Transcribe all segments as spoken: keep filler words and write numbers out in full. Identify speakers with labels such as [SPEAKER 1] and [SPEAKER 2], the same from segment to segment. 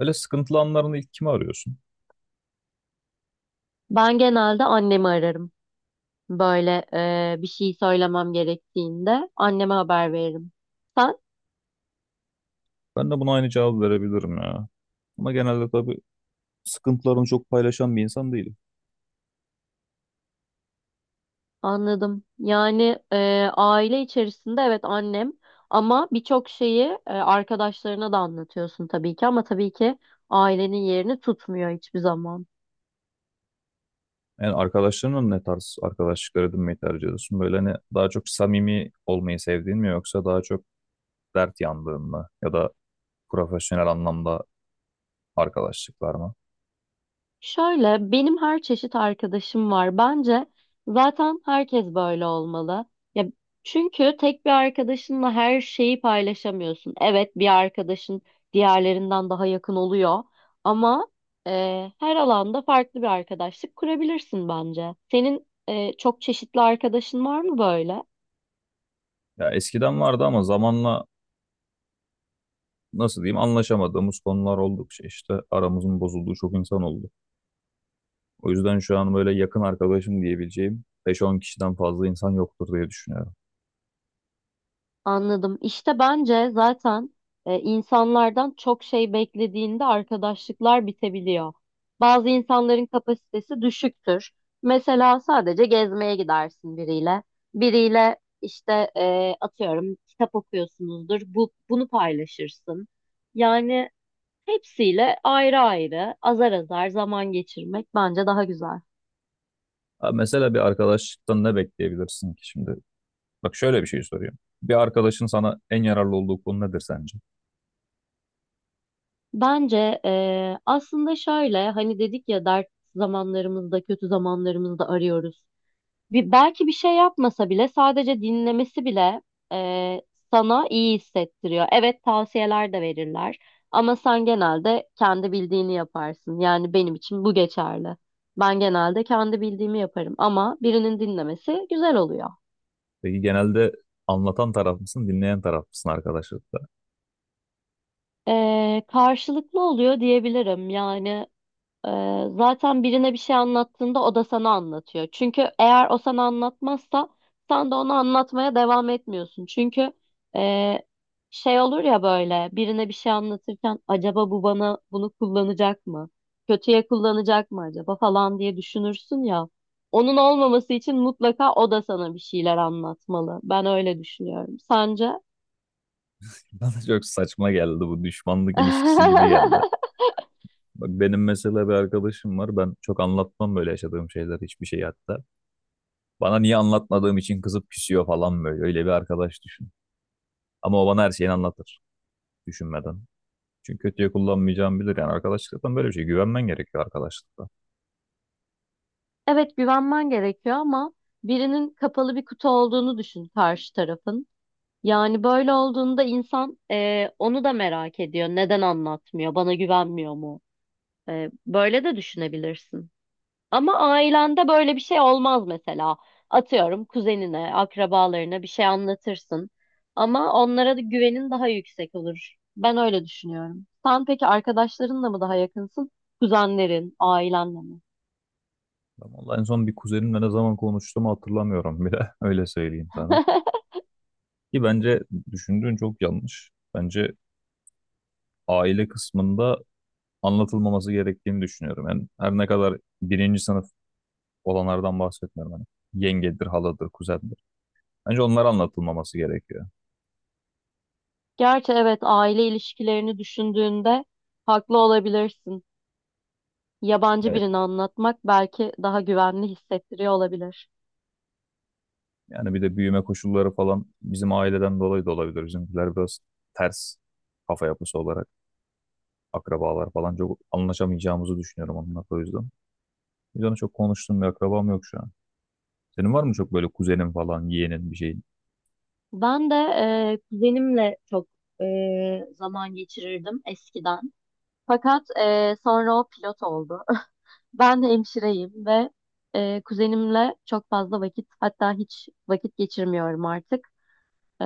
[SPEAKER 1] Böyle sıkıntılı anlarında ilk kimi arıyorsun?
[SPEAKER 2] Ben genelde annemi ararım. Böyle e, bir şey söylemem gerektiğinde anneme haber veririm. Sen?
[SPEAKER 1] Ben de buna aynı cevabı verebilirim ya. Ama genelde tabii sıkıntılarını çok paylaşan bir insan değilim.
[SPEAKER 2] Anladım. Yani e, aile içerisinde evet annem ama birçok şeyi e, arkadaşlarına da anlatıyorsun tabii ki ama tabii ki ailenin yerini tutmuyor hiçbir zaman.
[SPEAKER 1] Yani arkadaşlarınla ne tarz arkadaşlıklar edinmeyi tercih ediyorsun? Böyle hani daha çok samimi olmayı sevdiğin mi yoksa daha çok dert yandığın mı? Ya da profesyonel anlamda arkadaşlıklar mı?
[SPEAKER 2] Şöyle benim her çeşit arkadaşım var. Bence zaten herkes böyle olmalı. Ya çünkü tek bir arkadaşınla her şeyi paylaşamıyorsun. Evet bir arkadaşın diğerlerinden daha yakın oluyor ama e, her alanda farklı bir arkadaşlık kurabilirsin bence. Senin e, çok çeşitli arkadaşın var mı böyle?
[SPEAKER 1] Ya eskiden vardı ama zamanla nasıl diyeyim anlaşamadığımız konular oldukça işte aramızın bozulduğu çok insan oldu. O yüzden şu an böyle yakın arkadaşım diyebileceğim beş on kişiden fazla insan yoktur diye düşünüyorum.
[SPEAKER 2] Anladım. İşte bence zaten e, insanlardan çok şey beklediğinde arkadaşlıklar bitebiliyor. Bazı insanların kapasitesi düşüktür. Mesela sadece gezmeye gidersin biriyle. Biriyle işte e, atıyorum kitap okuyorsunuzdur. Bu, bunu paylaşırsın. Yani hepsiyle ayrı ayrı azar azar zaman geçirmek bence daha güzel.
[SPEAKER 1] Abi mesela bir arkadaşlıktan ne bekleyebilirsin ki şimdi? Bak şöyle bir şey soruyorum. Bir arkadaşın sana en yararlı olduğu konu nedir sence?
[SPEAKER 2] Bence e, aslında şöyle hani dedik ya dert zamanlarımızda kötü zamanlarımızda arıyoruz. Bir, belki bir şey yapmasa bile sadece dinlemesi bile e, sana iyi hissettiriyor. Evet tavsiyeler de verirler ama sen genelde kendi bildiğini yaparsın. Yani benim için bu geçerli. Ben genelde kendi bildiğimi yaparım ama birinin dinlemesi güzel oluyor.
[SPEAKER 1] Peki genelde anlatan taraf mısın, dinleyen taraf mısın arkadaşlıkta?
[SPEAKER 2] E, karşılıklı oluyor diyebilirim. Yani Ee, zaten birine bir şey anlattığında o da sana anlatıyor. Çünkü eğer o sana anlatmazsa sen de ona anlatmaya devam etmiyorsun. Çünkü e, şey olur ya böyle birine bir şey anlatırken acaba bu bana bunu kullanacak mı? Kötüye kullanacak mı acaba falan diye düşünürsün ya. Onun olmaması için mutlaka o da sana bir şeyler anlatmalı. Ben öyle düşünüyorum. Sence?
[SPEAKER 1] Bana çok saçma geldi, bu düşmanlık ilişkisi gibi geldi. Bak benim mesela bir arkadaşım var. Ben çok anlatmam böyle, yaşadığım şeyler, hiçbir şey hatta. Bana, niye anlatmadığım için kızıp küsüyor falan böyle. Öyle bir arkadaş düşün. Ama o bana her şeyini anlatır, düşünmeden. Çünkü kötüye kullanmayacağımı bilir. Yani arkadaşlıktan böyle bir şey. Güvenmen gerekiyor arkadaşlıkta.
[SPEAKER 2] Evet güvenmen gerekiyor ama birinin kapalı bir kutu olduğunu düşün karşı tarafın. Yani böyle olduğunda insan e, onu da merak ediyor. Neden anlatmıyor? Bana güvenmiyor mu? E, böyle de düşünebilirsin. Ama ailende böyle bir şey olmaz mesela. Atıyorum kuzenine, akrabalarına bir şey anlatırsın. Ama onlara da güvenin daha yüksek olur. Ben öyle düşünüyorum. Sen peki arkadaşlarınla mı daha yakınsın? Kuzenlerin, ailenle mi?
[SPEAKER 1] Ben vallahi en son bir kuzenimle ne zaman konuştuğumu hatırlamıyorum bile. Öyle söyleyeyim sana. Ki bence düşündüğün çok yanlış. Bence aile kısmında anlatılmaması gerektiğini düşünüyorum. Yani her ne kadar birinci sınıf olanlardan bahsetmiyorum. Hani yengedir, haladır, kuzendir. Bence onlar anlatılmaması gerekiyor.
[SPEAKER 2] Gerçi evet aile ilişkilerini düşündüğünde haklı olabilirsin. Yabancı
[SPEAKER 1] Yani,
[SPEAKER 2] birini anlatmak belki daha güvenli hissettiriyor olabilir.
[SPEAKER 1] yani bir de büyüme koşulları falan bizim aileden dolayı da olabilir. Bizimkiler biraz ters kafa yapısı olarak akrabalar falan çok anlaşamayacağımızı düşünüyorum onunla o yüzden. Biz onu çok konuştuğum bir akrabam yok şu an. Senin var mı çok böyle kuzenin falan, yeğenin bir şeyin?
[SPEAKER 2] Ben de e, kuzenimle çok e, zaman geçirirdim eskiden. Fakat e, sonra o pilot oldu. Ben hemşireyim ve e, kuzenimle çok fazla vakit hatta hiç vakit geçirmiyorum artık. E,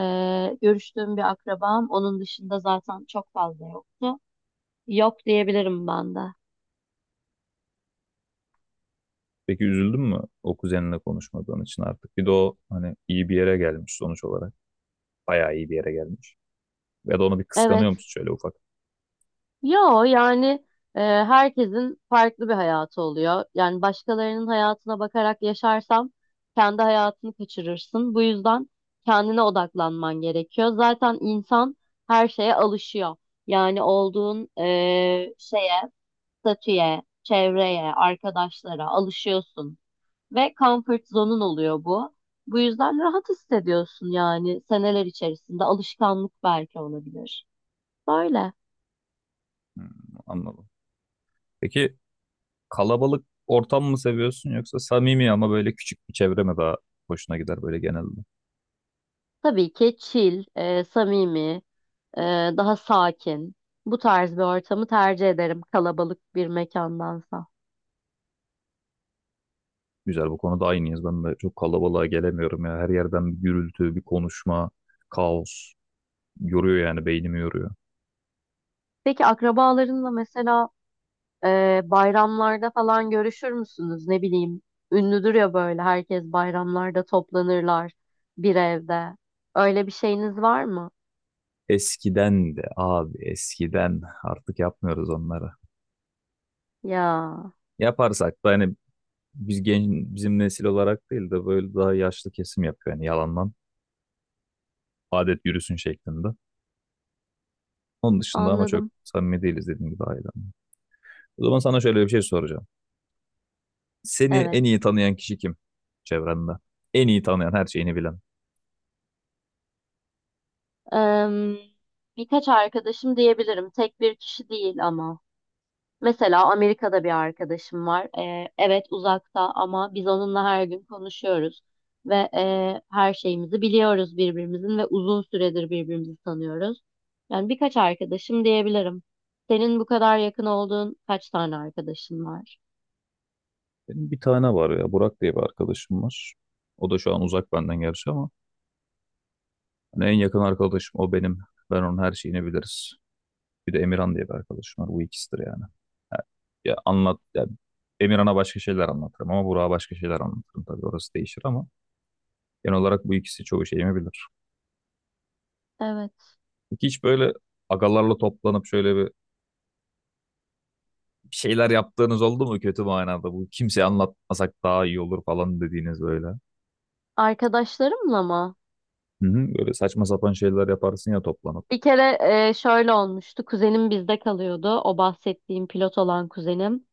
[SPEAKER 2] görüştüğüm bir akrabam onun dışında zaten çok fazla yoktu. Yok diyebilirim ben de.
[SPEAKER 1] Peki üzüldün mü o kuzeninle konuşmadığın için artık? Bir de o hani iyi bir yere gelmiş sonuç olarak. Bayağı iyi bir yere gelmiş. Ya da onu bir
[SPEAKER 2] Evet.
[SPEAKER 1] kıskanıyor musun şöyle ufak?
[SPEAKER 2] Yo, yani e, herkesin farklı bir hayatı oluyor. Yani başkalarının hayatına bakarak yaşarsam kendi hayatını kaçırırsın. Bu yüzden kendine odaklanman gerekiyor. Zaten insan her şeye alışıyor. Yani olduğun e, şeye, statüye, çevreye, arkadaşlara alışıyorsun. Ve comfort zone'un oluyor bu. Bu yüzden rahat hissediyorsun yani seneler içerisinde alışkanlık belki olabilir. Böyle.
[SPEAKER 1] Hmm, anladım. Peki kalabalık ortam mı seviyorsun yoksa samimi ama böyle küçük bir çevre mi daha hoşuna gider böyle genelde?
[SPEAKER 2] Tabii ki chill, e, samimi, e, daha sakin. Bu tarz bir ortamı tercih ederim kalabalık bir mekandansa.
[SPEAKER 1] Güzel, bu konuda aynıyız. Ben de çok kalabalığa gelemiyorum ya. Her yerden bir gürültü, bir konuşma, kaos. Yoruyor, yani beynimi yoruyor.
[SPEAKER 2] Peki akrabalarınla mesela e, bayramlarda falan görüşür müsünüz? Ne bileyim, ünlüdür ya böyle herkes bayramlarda toplanırlar bir evde. Öyle bir şeyiniz var mı?
[SPEAKER 1] Eskiden de abi, eskiden artık yapmıyoruz onları.
[SPEAKER 2] Ya,
[SPEAKER 1] Yaparsak da hani biz genç, bizim nesil olarak değil de böyle daha yaşlı kesim yapıyor, yani yalandan adet yürüsün şeklinde. Onun dışında ama çok
[SPEAKER 2] anladım.
[SPEAKER 1] samimi değiliz, dediğim gibi, ailemle. O zaman sana şöyle bir şey soracağım. Seni
[SPEAKER 2] Evet.
[SPEAKER 1] en iyi tanıyan kişi kim çevrende? En iyi tanıyan, her şeyini bilen.
[SPEAKER 2] Em, Birkaç arkadaşım diyebilirim. Tek bir kişi değil ama. Mesela Amerika'da bir arkadaşım var. Ee, evet uzakta ama biz onunla her gün konuşuyoruz ve e, her şeyimizi biliyoruz birbirimizin ve uzun süredir birbirimizi tanıyoruz. Yani birkaç arkadaşım diyebilirim. Senin bu kadar yakın olduğun kaç tane arkadaşın var?
[SPEAKER 1] Benim bir tane var ya, Burak diye bir arkadaşım var. O da şu an uzak benden gerçi ama hani en yakın arkadaşım o benim. Ben onun her şeyini biliriz. Bir de Emirhan diye bir arkadaşım var. Bu ikisidir yani. Ha, ya anlat ya, Emirhan'a başka şeyler anlatırım ama Burak'a başka şeyler anlatırım, tabii orası değişir ama genel olarak bu ikisi çoğu şeyimi bilir.
[SPEAKER 2] Evet.
[SPEAKER 1] Peki hiç böyle agalarla toplanıp şöyle bir bir şeyler yaptığınız oldu mu, kötü manada, bu kimseye anlatmasak daha iyi olur falan dediğiniz, böyle?
[SPEAKER 2] Arkadaşlarımla mı?
[SPEAKER 1] Hı hı, böyle saçma sapan şeyler yaparsın ya toplanıp.
[SPEAKER 2] Bir kere e, şöyle olmuştu. Kuzenim bizde kalıyordu. O bahsettiğim pilot olan kuzenim.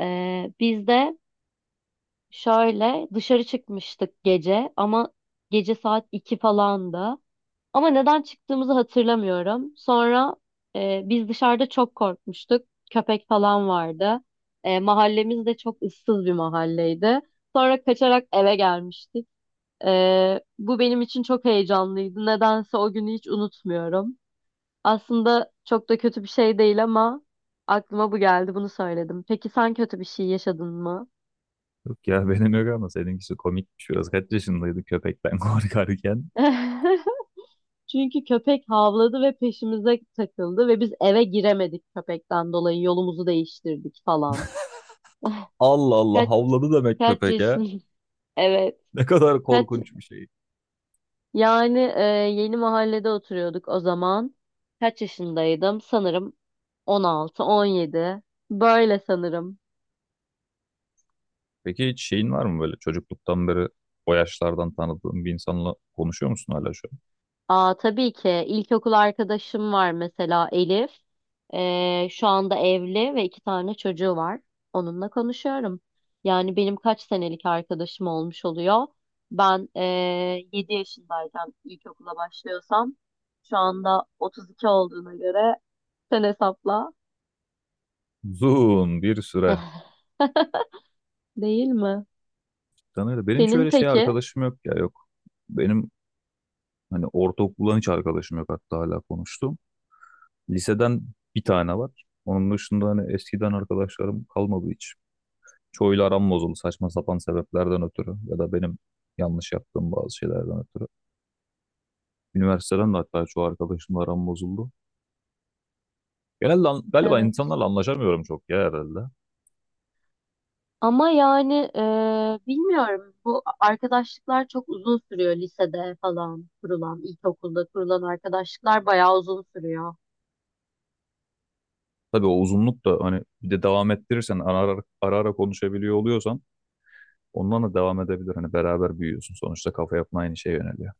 [SPEAKER 2] Ee, bizde Şöyle dışarı çıkmıştık gece ama gece saat iki falandı. Ama neden çıktığımızı hatırlamıyorum. Sonra e, biz dışarıda çok korkmuştuk. Köpek falan vardı. E, mahallemiz de çok ıssız bir mahalleydi. Sonra kaçarak eve gelmiştik. E, bu benim için çok heyecanlıydı. Nedense o günü hiç unutmuyorum. Aslında çok da kötü bir şey değil ama aklıma bu geldi, bunu söyledim. Peki sen kötü bir şey yaşadın mı?
[SPEAKER 1] Yok ya, benim yok ama seninkisi komikmiş biraz. Kaç yaşındaydı köpekten korkarken?
[SPEAKER 2] Çünkü köpek havladı ve peşimize takıldı ve biz eve giremedik, köpekten dolayı yolumuzu değiştirdik falan.
[SPEAKER 1] Allah Allah,
[SPEAKER 2] Kaç
[SPEAKER 1] havladı demek
[SPEAKER 2] kaç
[SPEAKER 1] köpek ya.
[SPEAKER 2] yaşın? Evet.
[SPEAKER 1] Ne kadar
[SPEAKER 2] Kaç
[SPEAKER 1] korkunç bir şey.
[SPEAKER 2] yani e, yeni mahallede oturuyorduk o zaman. Kaç yaşındaydım? Sanırım on altı, on yedi. Böyle sanırım.
[SPEAKER 1] Peki hiç şeyin var mı böyle çocukluktan beri, o yaşlardan tanıdığın bir insanla konuşuyor musun hala şu an?
[SPEAKER 2] Aa, tabii ki ilkokul arkadaşım var, mesela Elif. Ee, şu anda evli ve iki tane çocuğu var. Onunla konuşuyorum. Yani benim kaç senelik arkadaşım olmuş oluyor. Ben ee, yedi yaşındayken ilkokula başlıyorsam, şu anda otuz iki olduğuna göre sen hesapla.
[SPEAKER 1] Uzun bir süre.
[SPEAKER 2] Değil mi?
[SPEAKER 1] Tanıyla. Benim hiç
[SPEAKER 2] Senin
[SPEAKER 1] öyle şey
[SPEAKER 2] peki?
[SPEAKER 1] arkadaşım yok ya, yok. Benim hani ortaokuldan hiç arkadaşım yok, hatta hala konuştum. Liseden bir tane var. Onun dışında hani eskiden arkadaşlarım kalmadı hiç. Çoğuyla aram bozuldu, saçma sapan sebeplerden ötürü ya da benim yanlış yaptığım bazı şeylerden ötürü. Üniversiteden de hatta çoğu arkadaşımla aram bozuldu. Genelde an- galiba
[SPEAKER 2] Evet.
[SPEAKER 1] insanlarla anlaşamıyorum çok ya, herhalde.
[SPEAKER 2] Ama yani e, bilmiyorum, bu arkadaşlıklar çok uzun sürüyor lisede falan kurulan, ilkokulda kurulan arkadaşlıklar bayağı uzun sürüyor.
[SPEAKER 1] Tabii o uzunluk da hani, bir de devam ettirirsen ara ara, ara ara konuşabiliyor oluyorsan ondan da devam edebilir. Hani beraber büyüyorsun. Sonuçta kafa yapın aynı şeye yöneliyor.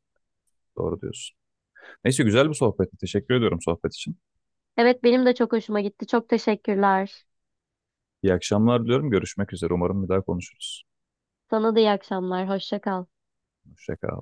[SPEAKER 1] Doğru diyorsun. Neyse, güzel bir sohbetti. Teşekkür ediyorum sohbet için.
[SPEAKER 2] Evet, benim de çok hoşuma gitti. Çok teşekkürler.
[SPEAKER 1] İyi akşamlar diliyorum. Görüşmek üzere. Umarım bir daha konuşuruz.
[SPEAKER 2] Sana da iyi akşamlar. Hoşça kal.
[SPEAKER 1] Hoşça kal.